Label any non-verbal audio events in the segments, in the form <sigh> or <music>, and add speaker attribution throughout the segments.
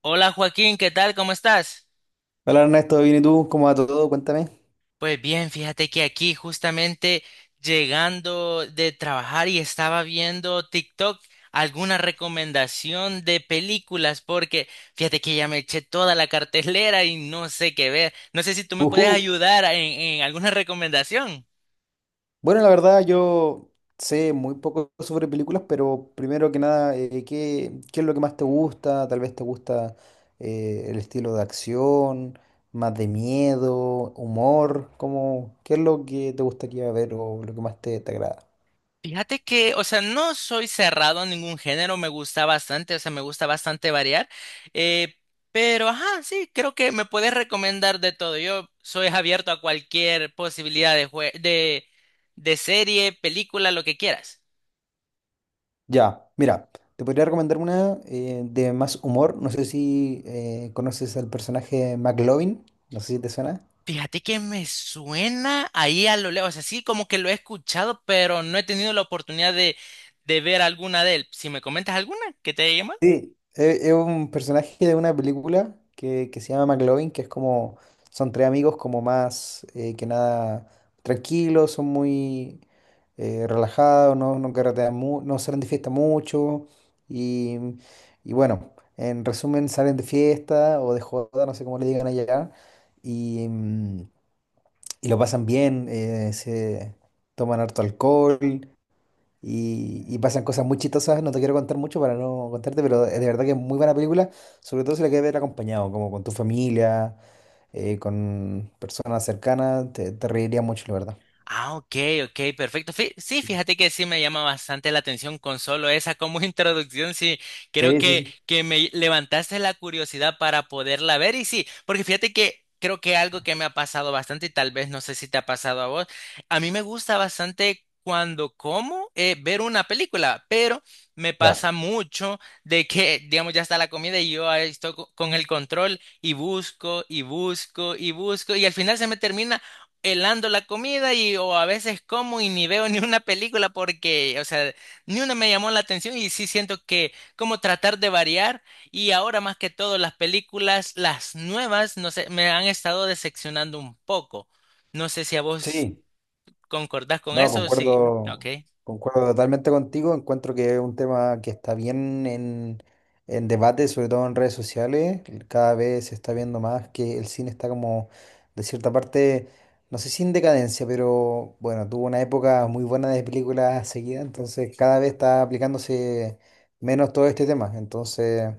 Speaker 1: Hola Joaquín, ¿qué tal? ¿Cómo estás?
Speaker 2: Hola Ernesto, bien y tú, ¿cómo va todo? Cuéntame.
Speaker 1: Pues bien, fíjate que aquí justamente llegando de trabajar y estaba viendo TikTok alguna recomendación de películas porque fíjate que ya me eché toda la cartelera y no sé qué ver. No sé si tú me puedes
Speaker 2: Ujú.
Speaker 1: ayudar en alguna recomendación.
Speaker 2: Bueno, la verdad yo sé muy poco sobre películas, pero primero que nada, qué es lo que más te gusta? Tal vez te gusta el estilo de acción, más de miedo, humor, qué es lo que te gustaría ver o lo que más te agrada?
Speaker 1: Fíjate que, o sea, no soy cerrado a ningún género, me gusta bastante, o sea, me gusta bastante variar, eh, pero, ajá, sí, creo que me puedes recomendar de todo. Yo soy abierto a cualquier posibilidad de serie, película, lo que quieras.
Speaker 2: Ya, mira, te podría recomendar una de más humor. No sé si conoces al personaje McLovin, no sé si te suena.
Speaker 1: Fíjate que me suena ahí a lo lejos, o sea, sí, como que lo he escuchado, pero no he tenido la oportunidad de ver alguna de él. Si me comentas alguna que te haya.
Speaker 2: Sí, es un personaje de una película que se llama McLovin, que es como, son tres amigos como más que nada tranquilos, son muy relajados, no no salen de fiesta mucho y, y bueno, en resumen salen de fiesta o de joda, no sé cómo le digan allá, y, mm, y lo pasan bien, se toman harto alcohol, y pasan cosas muy chistosas, no te quiero contar mucho para no contarte, pero de verdad que es muy buena película, sobre todo si la quieres ver acompañado, como con tu familia, con personas cercanas, te reirías mucho, la verdad.
Speaker 1: Ah, ok, ok, perfecto. Sí, fíjate que sí me llama bastante la atención con solo esa como <laughs> introducción. Sí, creo
Speaker 2: Sí, sí,
Speaker 1: que,
Speaker 2: sí.
Speaker 1: que me levantaste la curiosidad para poderla ver. Y sí, porque fíjate que creo que algo que me ha pasado bastante, y tal vez no sé si te ha pasado a vos, a mí me gusta bastante cuando como ver una película, pero me
Speaker 2: Ya.
Speaker 1: pasa mucho de que, digamos, ya está la comida y yo ahí estoy con el control y busco y busco y busco y al final se me termina helando la comida y o a veces como y ni veo <laughs> ni una película porque, o sea, ni una me llamó la atención y sí siento que como tratar de variar y ahora más que todo las películas, las nuevas, no sé, me han estado decepcionando un poco. No sé si a vos
Speaker 2: Sí,
Speaker 1: concordás con
Speaker 2: no,
Speaker 1: eso, sí. Ok.
Speaker 2: concuerdo, concuerdo totalmente contigo. Encuentro que es un tema que está bien en debate, sobre todo en redes sociales. Cada vez se está viendo más que el cine está como, de cierta parte, no sé si en decadencia, pero bueno, tuvo una época muy buena de películas seguidas, entonces cada vez está aplicándose menos todo este tema. Entonces,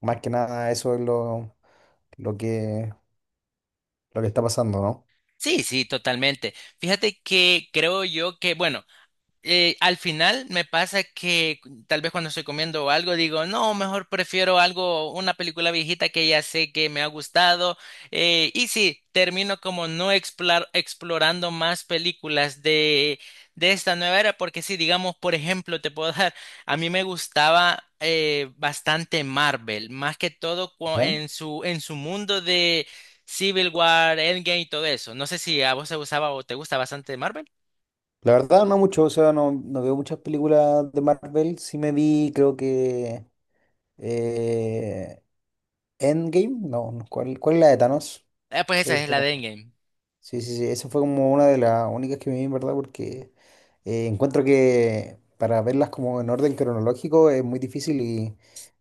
Speaker 2: más que nada, eso es lo que, lo que está pasando, ¿no?
Speaker 1: Sí, sí, totalmente. Fíjate que creo yo que, bueno, al final me pasa que tal vez cuando estoy comiendo algo digo, no, mejor prefiero algo, una película viejita que ya sé que me ha gustado. Y sí, termino como no explorando más películas de esta nueva era, porque si digamos, por ejemplo, te puedo <laughs> dar, a mí me gustaba bastante Marvel, más que todo
Speaker 2: ¿Ya?
Speaker 1: en su mundo de Civil War, Endgame y todo eso. No sé si a vos te gustaba o te gusta bastante Marvel.
Speaker 2: La verdad, no mucho, o sea, no, no veo muchas películas de Marvel. Sí me vi, creo que eh, Endgame, no, no, cuál es la de Thanos?
Speaker 1: Ah, pues
Speaker 2: Creo
Speaker 1: esa
Speaker 2: que
Speaker 1: es la
Speaker 2: fue-
Speaker 1: de Endgame.
Speaker 2: Sí, sí, sí, esa fue como una de las únicas que me vi, en verdad, porque encuentro que para verlas como en orden cronológico es muy difícil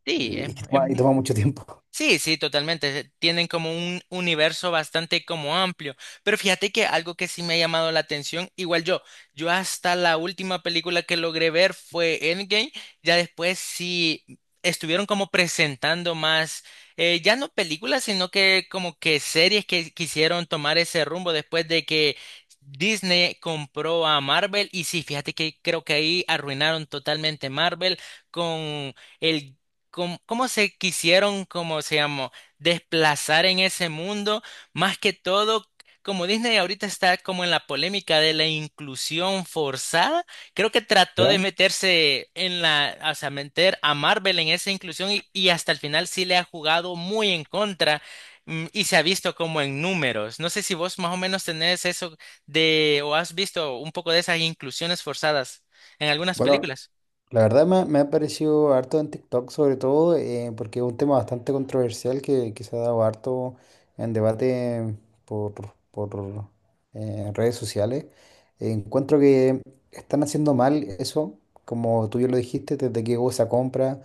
Speaker 1: Sí, es-
Speaker 2: y, <laughs>
Speaker 1: es
Speaker 2: y
Speaker 1: mu-
Speaker 2: toma mucho tiempo.
Speaker 1: sí, sí, totalmente. Tienen como un universo bastante como amplio. Pero fíjate que algo que sí me ha llamado la atención, igual yo hasta la última película que logré ver fue Endgame, ya después sí estuvieron como presentando más, ya no películas, sino que como que series que quisieron tomar ese rumbo después de que Disney compró a Marvel. Y sí, fíjate que creo que ahí arruinaron totalmente Marvel con... El cómo se quisieron, como se llamó, desplazar en ese mundo, más que todo, como Disney ahorita está como en la polémica de la inclusión forzada, creo que trató de
Speaker 2: ¿Ya?
Speaker 1: meterse en la, o sea, meter a Marvel en esa inclusión y hasta el final sí le ha jugado muy en contra. Y se ha visto como en números. No sé si vos más o menos tenés eso de o has visto un poco de esas inclusiones forzadas en
Speaker 2: <laughs>
Speaker 1: algunas
Speaker 2: Bueno,
Speaker 1: películas.
Speaker 2: la verdad me ha parecido harto en TikTok, sobre todo porque es un tema bastante controversial que se ha dado harto en debate por, por redes sociales. Encuentro que están haciendo mal eso, como tú ya lo dijiste, desde que hubo esa compra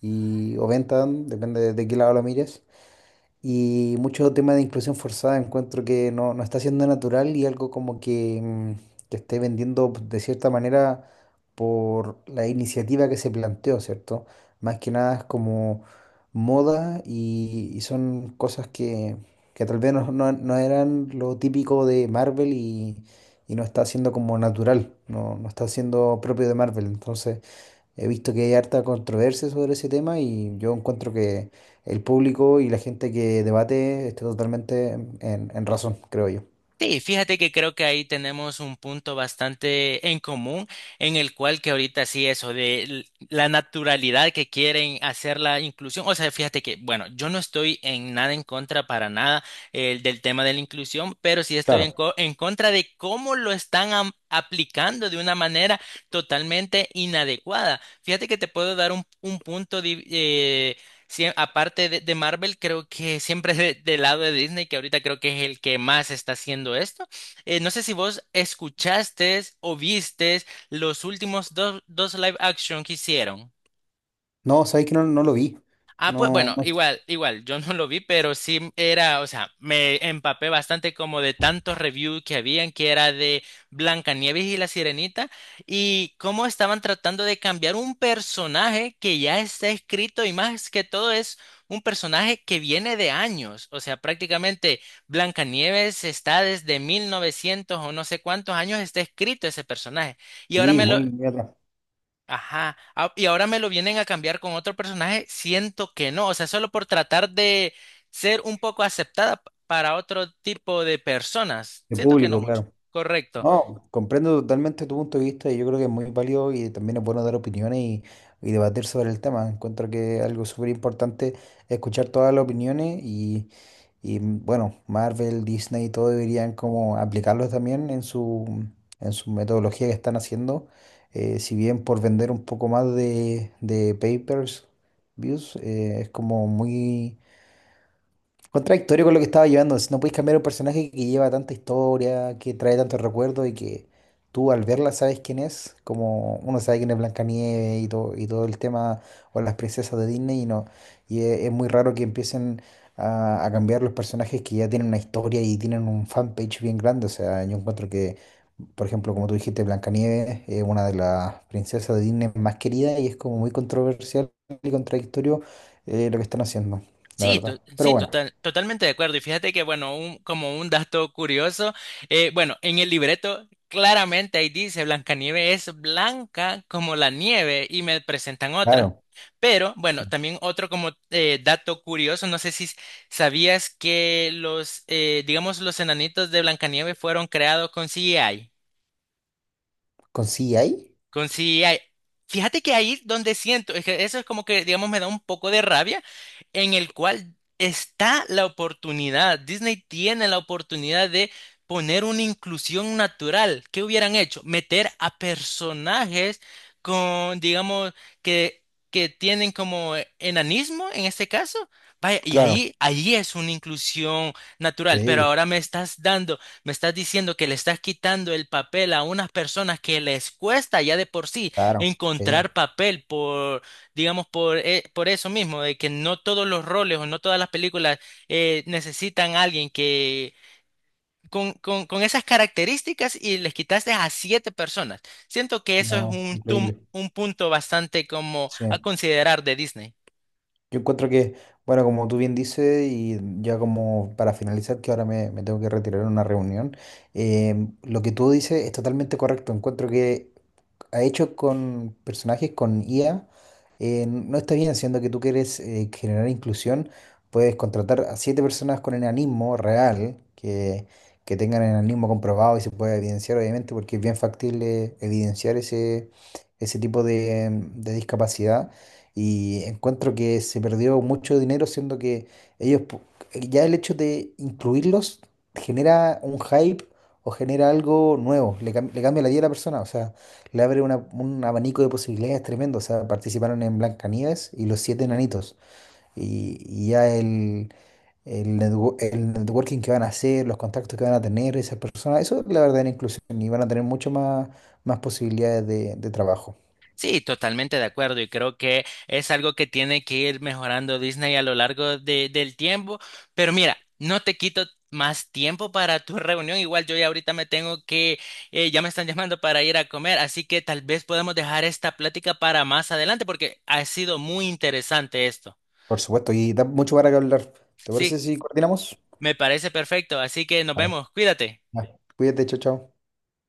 Speaker 2: y, o venta, depende de qué lado lo mires. Y mucho tema de inclusión forzada encuentro que no, no está siendo natural y algo como que que esté vendiendo de cierta manera por la iniciativa que se planteó, ¿cierto? Más que nada es como moda y son cosas que tal vez no eran lo típico de Marvel y no está siendo como natural, no, no está siendo propio de Marvel. Entonces, he visto que hay harta controversia sobre ese tema y yo encuentro que el público y la gente que debate está totalmente en razón, creo yo.
Speaker 1: Sí, fíjate que creo que ahí tenemos un punto bastante en común en el cual que ahorita sí eso de la naturalidad que quieren hacer la inclusión, o sea, fíjate que, bueno, yo no estoy en nada en contra para nada del tema de la inclusión, pero sí estoy en,
Speaker 2: Claro.
Speaker 1: co- en contra de cómo lo están aplicando de una manera totalmente inadecuada. Fíjate que te puedo dar un punto de. Sí, aparte de Marvel, creo que siempre del lado de Disney, que ahorita creo que es el que más está haciendo esto. No sé si vos escuchaste o viste los últimos dos live action que hicieron.
Speaker 2: No, sabéis que no, no lo vi.
Speaker 1: Ah, pues
Speaker 2: No,
Speaker 1: bueno,
Speaker 2: no sé.
Speaker 1: igual, igual, yo no lo vi, pero sí era, o sea, me empapé bastante como de tantos reviews que habían, que era de Blancanieves y la Sirenita, y cómo estaban tratando de cambiar un personaje que ya está escrito y más que todo es un personaje que viene de años, o sea, prácticamente Blancanieves está desde 1900 o no sé cuántos años está escrito ese personaje, y ahora
Speaker 2: Sí,
Speaker 1: me lo.
Speaker 2: muy, muy atrás.
Speaker 1: Ajá, ah, y ahora me lo vienen a cambiar con otro personaje, siento que no, o sea, solo por tratar de ser un poco aceptada para otro tipo de personas,
Speaker 2: De
Speaker 1: siento que no
Speaker 2: público,
Speaker 1: mucho,
Speaker 2: claro.
Speaker 1: correcto.
Speaker 2: No, comprendo totalmente tu punto de vista y yo creo que es muy válido y también es bueno dar opiniones y debatir sobre el tema. Encuentro que algo súper importante es escuchar todas las opiniones y, bueno, Marvel, Disney, todo deberían como aplicarlo también en su metodología que están haciendo. Si bien por vender un poco más de papers, views, es como muy contradictorio con lo que estaba llevando. Si no puedes cambiar un personaje que lleva tanta historia, que trae tantos recuerdos y que tú al verla sabes quién es. Como uno sabe quién es Blancanieves y todo el tema, o las princesas de Disney, y no. Y es muy raro que empiecen a cambiar los personajes que ya tienen una historia y tienen un fanpage bien grande. O sea, yo encuentro que, por ejemplo, como tú dijiste, Blancanieves es una de las princesas de Disney más queridas y es como muy controversial y contradictorio lo que están haciendo, la verdad. Pero
Speaker 1: Sí,
Speaker 2: bueno.
Speaker 1: totalmente de acuerdo. Y fíjate que, bueno, un, como un dato curioso, bueno, en el libreto claramente ahí dice Blancanieves es blanca como la nieve y me presentan otra.
Speaker 2: Claro,
Speaker 1: Pero, bueno, también otro como dato curioso, no sé si sabías que los, digamos, los enanitos de Blancanieves fueron creados con CGI.
Speaker 2: ¿con ahí?
Speaker 1: Con si hay- Fíjate que ahí donde siento, es que eso es como que, digamos, me da un poco de rabia, en el cual está la oportunidad. Disney tiene la oportunidad de poner una inclusión natural. ¿Qué hubieran hecho? Meter a personajes con, digamos, que, que tienen como enanismo en este caso. Vaya, y
Speaker 2: Claro,
Speaker 1: ahí es una inclusión natural, pero
Speaker 2: sí,
Speaker 1: ahora me estás diciendo que le estás quitando el papel a unas personas que les cuesta ya de por sí
Speaker 2: claro,
Speaker 1: encontrar
Speaker 2: sí,
Speaker 1: papel por, digamos, por eso mismo, de que no todos los roles o no todas las películas necesitan a alguien que con, con esas características y les quitaste a siete personas. Siento que eso es
Speaker 2: no,
Speaker 1: un, tum-
Speaker 2: increíble,
Speaker 1: un punto bastante como
Speaker 2: sí.
Speaker 1: a considerar de Disney.
Speaker 2: Yo encuentro que, bueno, como tú bien dices, y ya como para finalizar, que ahora me tengo que retirar en una reunión, eh, lo que tú dices es totalmente correcto. Encuentro que ha hecho con personajes con IA, no está bien, siendo que tú quieres generar inclusión, puedes contratar a 7 personas con enanismo real, que tengan enanismo comprobado y se pueda evidenciar, obviamente, porque es bien factible evidenciar ese, ese tipo de discapacidad. Y encuentro que se perdió mucho dinero, siendo que ellos, pu- ya el hecho de incluirlos genera un hype o genera algo nuevo, le cambia la vida a la persona, o sea le abre un abanico de posibilidades tremendo. O sea, participaron en Blancanieves y Los 7 Enanitos. Y ya el, el networking que van a hacer, los contactos que van a tener esas personas, eso es la verdadera inclusión y van a tener mucho más, más posibilidades de trabajo.
Speaker 1: Sí, totalmente de acuerdo y creo que es algo que tiene que ir mejorando Disney a lo largo del tiempo. Pero mira, no te quito más tiempo para tu reunión. Igual yo ya ahorita me tengo que, ya me están llamando para ir a comer, así que tal vez podemos dejar esta plática para más adelante porque ha sido muy interesante esto.
Speaker 2: Por supuesto, y da mucho para que hablar. ¿Te parece
Speaker 1: Sí,
Speaker 2: si coordinamos?
Speaker 1: me parece perfecto, así que nos
Speaker 2: Vale.
Speaker 1: vemos, cuídate.
Speaker 2: Vale. Cuídate, chao, chao.